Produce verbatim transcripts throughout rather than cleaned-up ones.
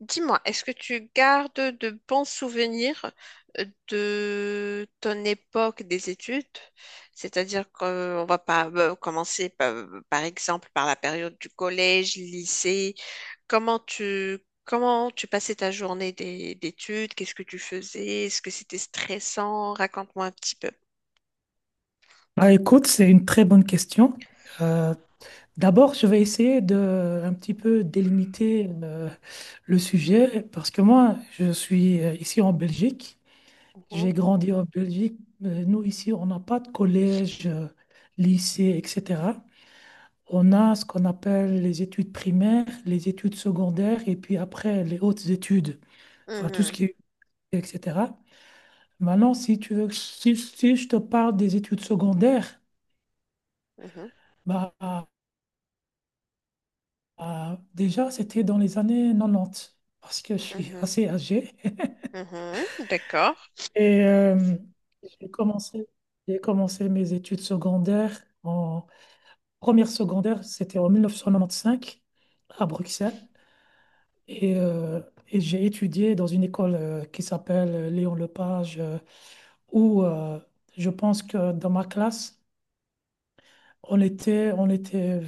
Dis-moi, est-ce que tu gardes de bons souvenirs euh, de ton époque des études? C'est-à-dire qu'on va pas euh, commencer par, par exemple par la période du collège, lycée. Comment tu, comment tu passais ta journée d'é- d'études? Qu'est-ce que tu faisais? Est-ce que c'était stressant? Raconte-moi un petit peu. Ah, écoute, c'est une très bonne question. Euh, D'abord, je vais essayer de un petit peu délimiter euh, le sujet parce que moi, je suis euh, ici en Belgique. Mhm, J'ai grandi en Belgique. Euh, Nous, ici, on n'a pas de collège, euh, lycée, et cetera. On a ce qu'on appelle les études primaires, les études secondaires et puis après les hautes études, enfin tout ce mhm, qui est, et cetera. Maintenant, si tu veux, si, si je te parle des études secondaires, bah, Ah, déjà, c'était dans les années quatre-vingt-dix, parce que je suis mhm, assez âgé. mhm, mhm. D'accord. Et euh, j'ai commencé, j'ai commencé mes études secondaires. En première secondaire, c'était en mille neuf cent quatre-vingt-quinze à Bruxelles. Et, euh, et j'ai étudié dans une école euh, qui s'appelle euh, Léon Lepage, euh, où euh, je pense que dans ma classe, on était, on était,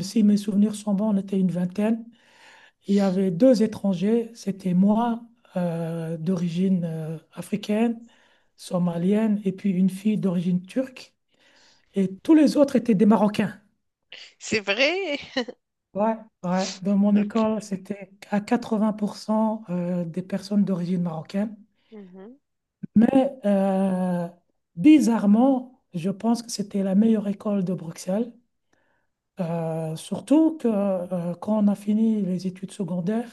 si mes souvenirs sont bons, on était une vingtaine. Il y avait deux étrangers, c'était moi, euh, d'origine euh, africaine, somalienne, et puis une fille d'origine turque. Et tous les autres étaient des Marocains. C'est vrai. Ouais, ouais. Dans mon Ok. école, c'était à quatre-vingts pour cent euh, des personnes d'origine marocaine. Mhm, Mais euh, bizarrement, je pense que c'était la meilleure école de Bruxelles. Euh, surtout que euh, quand on a fini les études secondaires,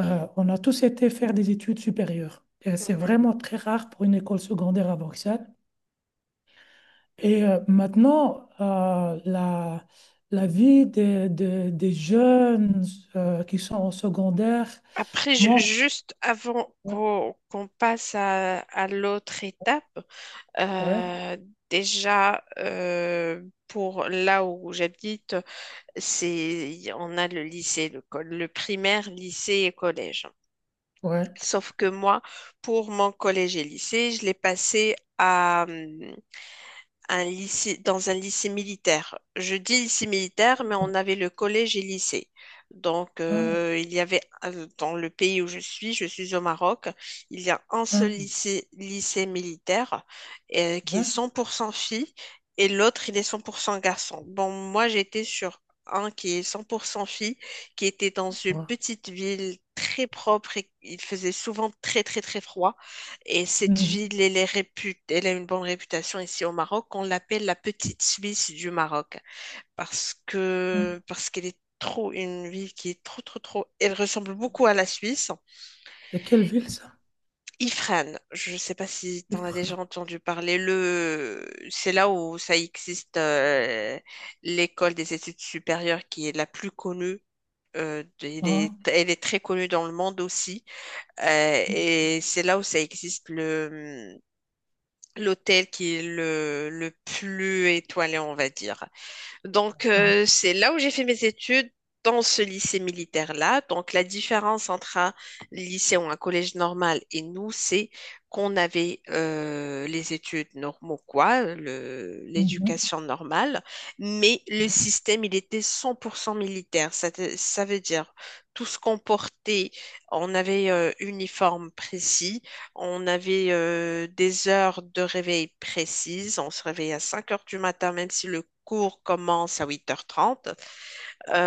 Euh, on a tous été faire des études supérieures. Et c'est mhm. vraiment très rare pour une école secondaire à Bruxelles. Et euh, maintenant, euh, la, la vie des, des- des jeunes euh, qui sont au secondaire, Après, ju- moi, juste avant ouais, qu'on qu'on passe à, à l'autre étape, ouais, euh, déjà euh, pour là où j'habite, c'est on a le lycée, le, col- le primaire, lycée et collège. ouais, Sauf que moi, pour mon collège et lycée, je l'ai passé à, hum, un lycée, dans un lycée militaire. Je dis lycée militaire, mais bon, on avait le collège et lycée. Donc, hein, euh, il y avait, euh, dans le pays où je suis, je suis au Maroc, il y a un seul hein, lycée, lycée militaire euh, qui est ouais, cent pour cent filles et l'autre, il est cent pour cent garçons. Bon, moi, j'étais sur un qui est cent pour cent filles, qui était dans une ouais, petite ville très propre et il faisait souvent très, très, très froid. Et cette mhm, ville, elle est répu- elle a une bonne réputation ici au Maroc. On l'appelle la petite Suisse du Maroc parce hein. que parce qu'elle est trop une ville qui est trop trop trop. Elle ressemble beaucoup à la Suisse. C'est quelle ville ça? Ifrane, je ne sais pas si tu en as déjà Ypres, entendu parler. Le, c'est là où ça existe euh, l'école des études supérieures qui est la plus connue. euh, elle hein, est, Elle est très connue dans le monde aussi. Euh, et c'est là où ça existe le l'hôtel qui est le, le plus étoilé, on va dire. Donc, ah, euh, c'est là où j'ai fait mes études, dans ce lycée militaire-là. Donc, la différence entre un lycée ou un collège normal et nous, c'est qu'on avait euh, les études normaux, quoi, le- mhm, l'éducation normale, mais ouais. le système, il était cent pour cent militaire. Ça, te- ça veut dire tout ce qu'on portait, on avait euh, uniforme précis. On avait euh, des heures de réveil précises. On se réveillait à cinq heures du matin, même si le cours commence à huit heures trente.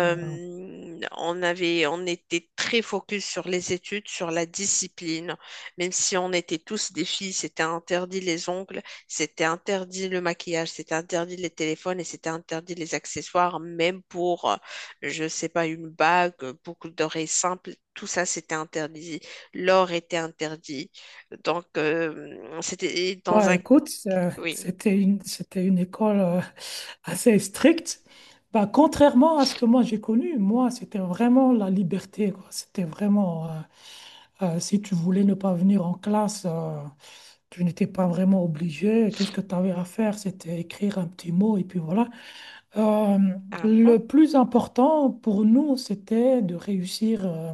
Ouais. on avait, on était très focus sur les études, sur la discipline. Même si on était tous des filles, c'était interdit les ongles, c'était interdit le maquillage, c'était interdit les téléphones et c'était interdit les accessoires, même pour, euh, je sais pas, une bague, euh, boucle d'oreille simple. Tout ça, c'était interdit. L'or était interdit. Donc, euh, c'était dans Bah, un... écoute, euh, Oui. c'était une, c'était une école euh, assez stricte. Bah, contrairement à ce que moi j'ai connu, moi, c'était vraiment la liberté, quoi. C'était vraiment, euh, euh, si tu voulais ne pas venir en classe, euh, tu n'étais pas vraiment obligé. Tout ce que tu avais à faire, c'était écrire un petit mot et puis voilà. Euh, Ah le bon? plus important pour nous, c'était de réussir, euh,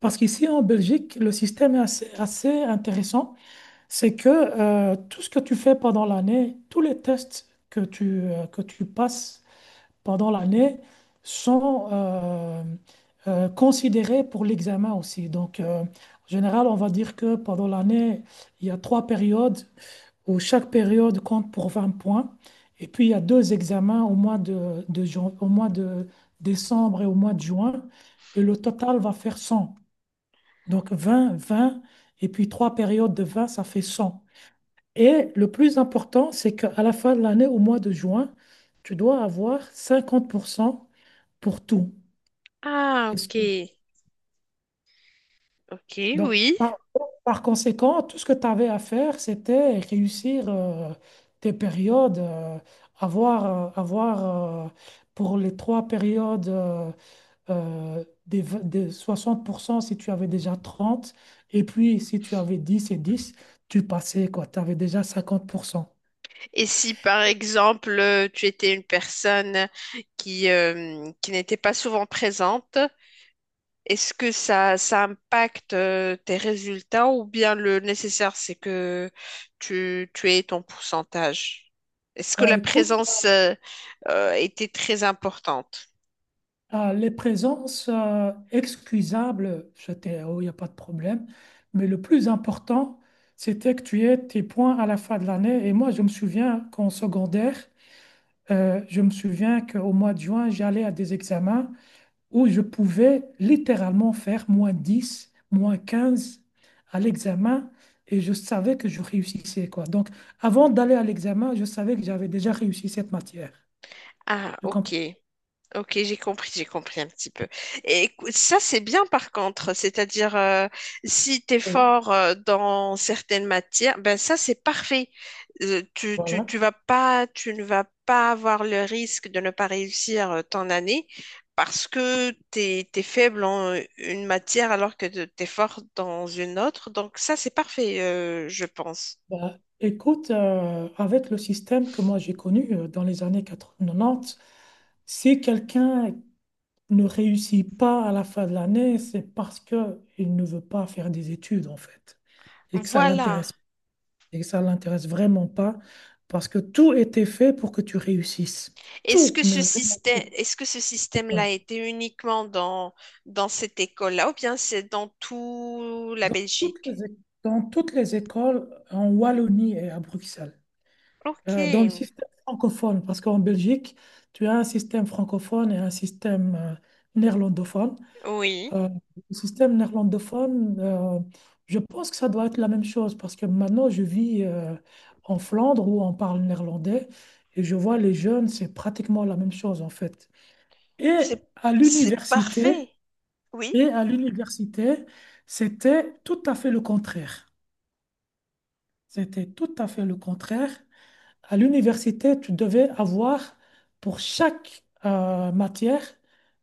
parce qu'ici en Belgique, le système est assez assez intéressant. C'est que euh, tout ce que tu fais pendant l'année, tous les tests que tu, euh, que tu passes pendant l'année sont euh, euh, considérés pour l'examen aussi. Donc, euh, en général, on va dire que pendant l'année, il y a trois périodes où chaque période compte pour vingt points. Et puis, il y a deux examens au mois de, de jan- au mois de décembre et au mois de juin. Et le total va faire cent. Donc, vingt, vingt et puis trois périodes de vingt, ça fait cent. Et le plus important, c'est qu'à la fin de l'année, au mois de juin, tu dois avoir cinquante pour cent pour cent pour tout. Ah, Est-ce ok. que- Ok, donc, oui. par, par conséquent, tout ce que tu avais à faire, c'était réussir euh, tes périodes, euh, avoir, euh, avoir euh, pour les trois périodes euh, euh, des, v- des soixante pour cent si tu avais déjà trente, et puis si tu avais dix et dix, tu passais quoi, tu avais déjà cinquante pour cent. Et si par exemple euh, tu étais une personne qui, euh, qui n'était pas souvent présente, est-ce que ça, ça impacte euh, tes résultats ou bien le nécessaire c'est que tu, tu aies ton pourcentage? Est-ce que Bah, la écoute, présence euh, euh, était très importante? ah, les présences euh, excusables, c'était, oh, il n'y a pas de problème. Mais le plus important, c'était que tu aies tes points à la fin de l'année. Et moi, je me souviens qu'en secondaire, euh, je me souviens qu'au mois de juin, j'allais à des examens où je pouvais littéralement faire moins dix moins quinze à l'examen. Et je savais que je réussissais, quoi. Donc, avant d'aller à l'examen, je savais que j'avais déjà réussi cette matière. Ah, Je ok. comprends. Ok, j'ai compris, j'ai compris un petit peu. Et écou- ça, c'est bien par contre. C'est-à-dire, euh, si tu es Oui. fort euh, dans certaines matières, ben ça, c'est parfait. Euh, tu, tu, Voilà. tu vas pas, tu ne vas pas avoir le risque de ne pas réussir euh, ton année parce que tu es, faible en euh, une matière alors que tu es fort dans une autre. Donc ça, c'est parfait, euh, je pense. Ben, écoute, euh, avec le système que moi j'ai connu euh, dans les années quatre-vingt-dix, si quelqu'un ne réussit pas à la fin de l'année, c'est parce que il ne veut pas faire des études en fait, et que ça Voilà. l'intéresse, et que ça l'intéresse vraiment pas, parce que tout était fait pour que tu réussisses, Est-ce tout, que mais ce vraiment système, tout. Est-ce que ce Ouais. système-là était uniquement dans, dans cette école-là ou bien c'est dans tout la Dans toutes Belgique? les, é- Dans toutes les écoles en Wallonie et à Bruxelles. Ok, euh, Dans le système francophone, parce qu'en Belgique, tu as un système francophone et un système euh, néerlandophone. oui, Euh, le système néerlandophone, euh, je pense que ça doit être la même chose, parce que maintenant, je vis euh, en Flandre où on parle néerlandais, et je vois les jeunes, c'est pratiquement la même chose en fait. Et c'est, à c'est parfait. l'université, Oui. et à l'université, c'était tout à fait le contraire. C'était tout à fait le contraire. À l'université, tu devais avoir pour chaque euh, matière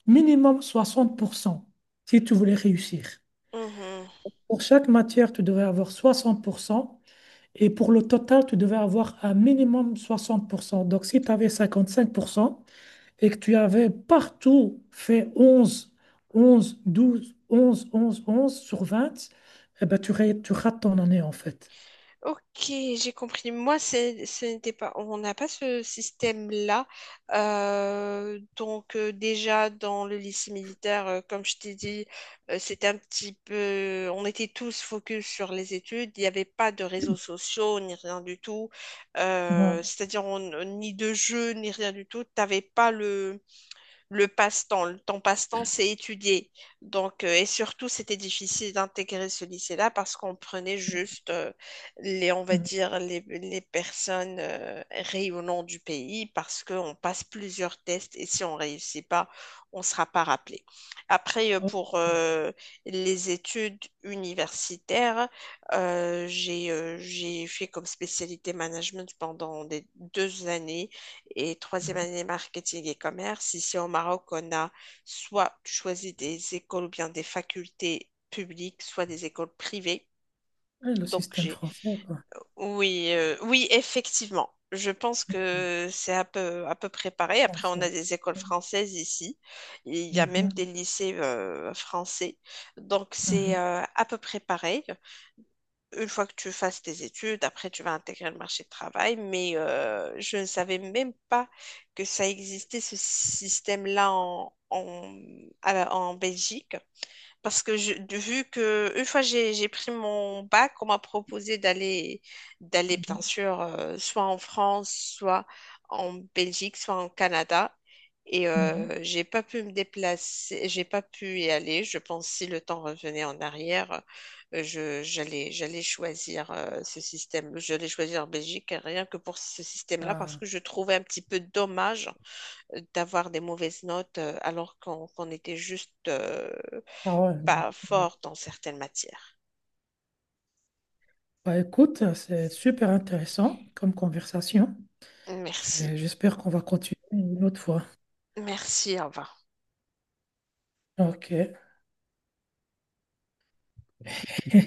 minimum soixante pour cent si tu voulais réussir. Mhm. Pour chaque matière, tu devais avoir soixante pour cent et pour le total, tu devais avoir un minimum soixante pour cent. Donc, si tu avais cinquante-cinq pour cent et que tu avais partout fait onze, onze, douze, onze, onze, onze sur vingt, eh ben, tu, ré- tu rates ton année en fait. Ok, j'ai compris. Moi, c'est- ce n'était pas, on n'a pas ce système-là. Euh, donc, euh, déjà, dans le lycée militaire, euh, comme je t'ai dit, euh, c'était un petit peu, on était tous focus sur les études. Il n'y avait pas de réseaux sociaux, ni rien du tout. Euh, Mhm. C'est-à-dire, on- ni de jeux, ni rien du tout. T'avais pas le, le passe-temps. Le- Ton passe-temps, c'est étudier. Donc, euh, et surtout, c'était difficile d'intégrer ce lycée-là parce qu'on prenait juste euh, les, on va Mhm. dire, les, les personnes euh, rayonnant du pays parce qu'on passe plusieurs tests et si on réussit pas, on sera pas rappelé. Après, euh, Oh, pour euh, les études universitaires, euh, j'ai euh, j'ai fait comme spécialité management pendant des deux années et troisième année marketing et commerce. Ici au Maroc, on a soit tu choisis des écoles ou bien des facultés publiques, soit des écoles privées. ouais, le Donc système j'ai français, quoi. oui, euh, oui, effectivement. Je pense que c'est à peu, à peu préparé. Bien Après, on a sûr. des écoles françaises ici. Il y a même Mhm, des lycées euh, français. Donc, mhm, c'est euh, à peu près pareil une fois que tu fasses tes études, après tu vas intégrer le marché du travail, mais euh, je ne savais même pas que ça existait ce système-là en, en, à la- en Belgique. Parce que je, de- vu que une fois j'ai j'ai pris mon bac, on m'a proposé d'aller d'aller bien mhm, sûr euh, soit en France, soit en Belgique, soit en Canada. Et mhm. euh, j'ai pas pu me déplacer, j'ai pas pu y aller. Je pense si le temps revenait en arrière, euh, je j'allais j'allais choisir euh, ce système. J'allais choisir Belgique rien que pour ce système-là parce Ah, que je trouvais un petit peu dommage euh, d'avoir des mauvaises notes euh, alors qu'on qu'on était juste euh, ah ouais. pas Ouais. fort dans certaines matières. Bah, écoute, c'est super intéressant comme conversation. Merci. Et J'espère qu'on va continuer une autre fois. Merci, au revoir. Ok.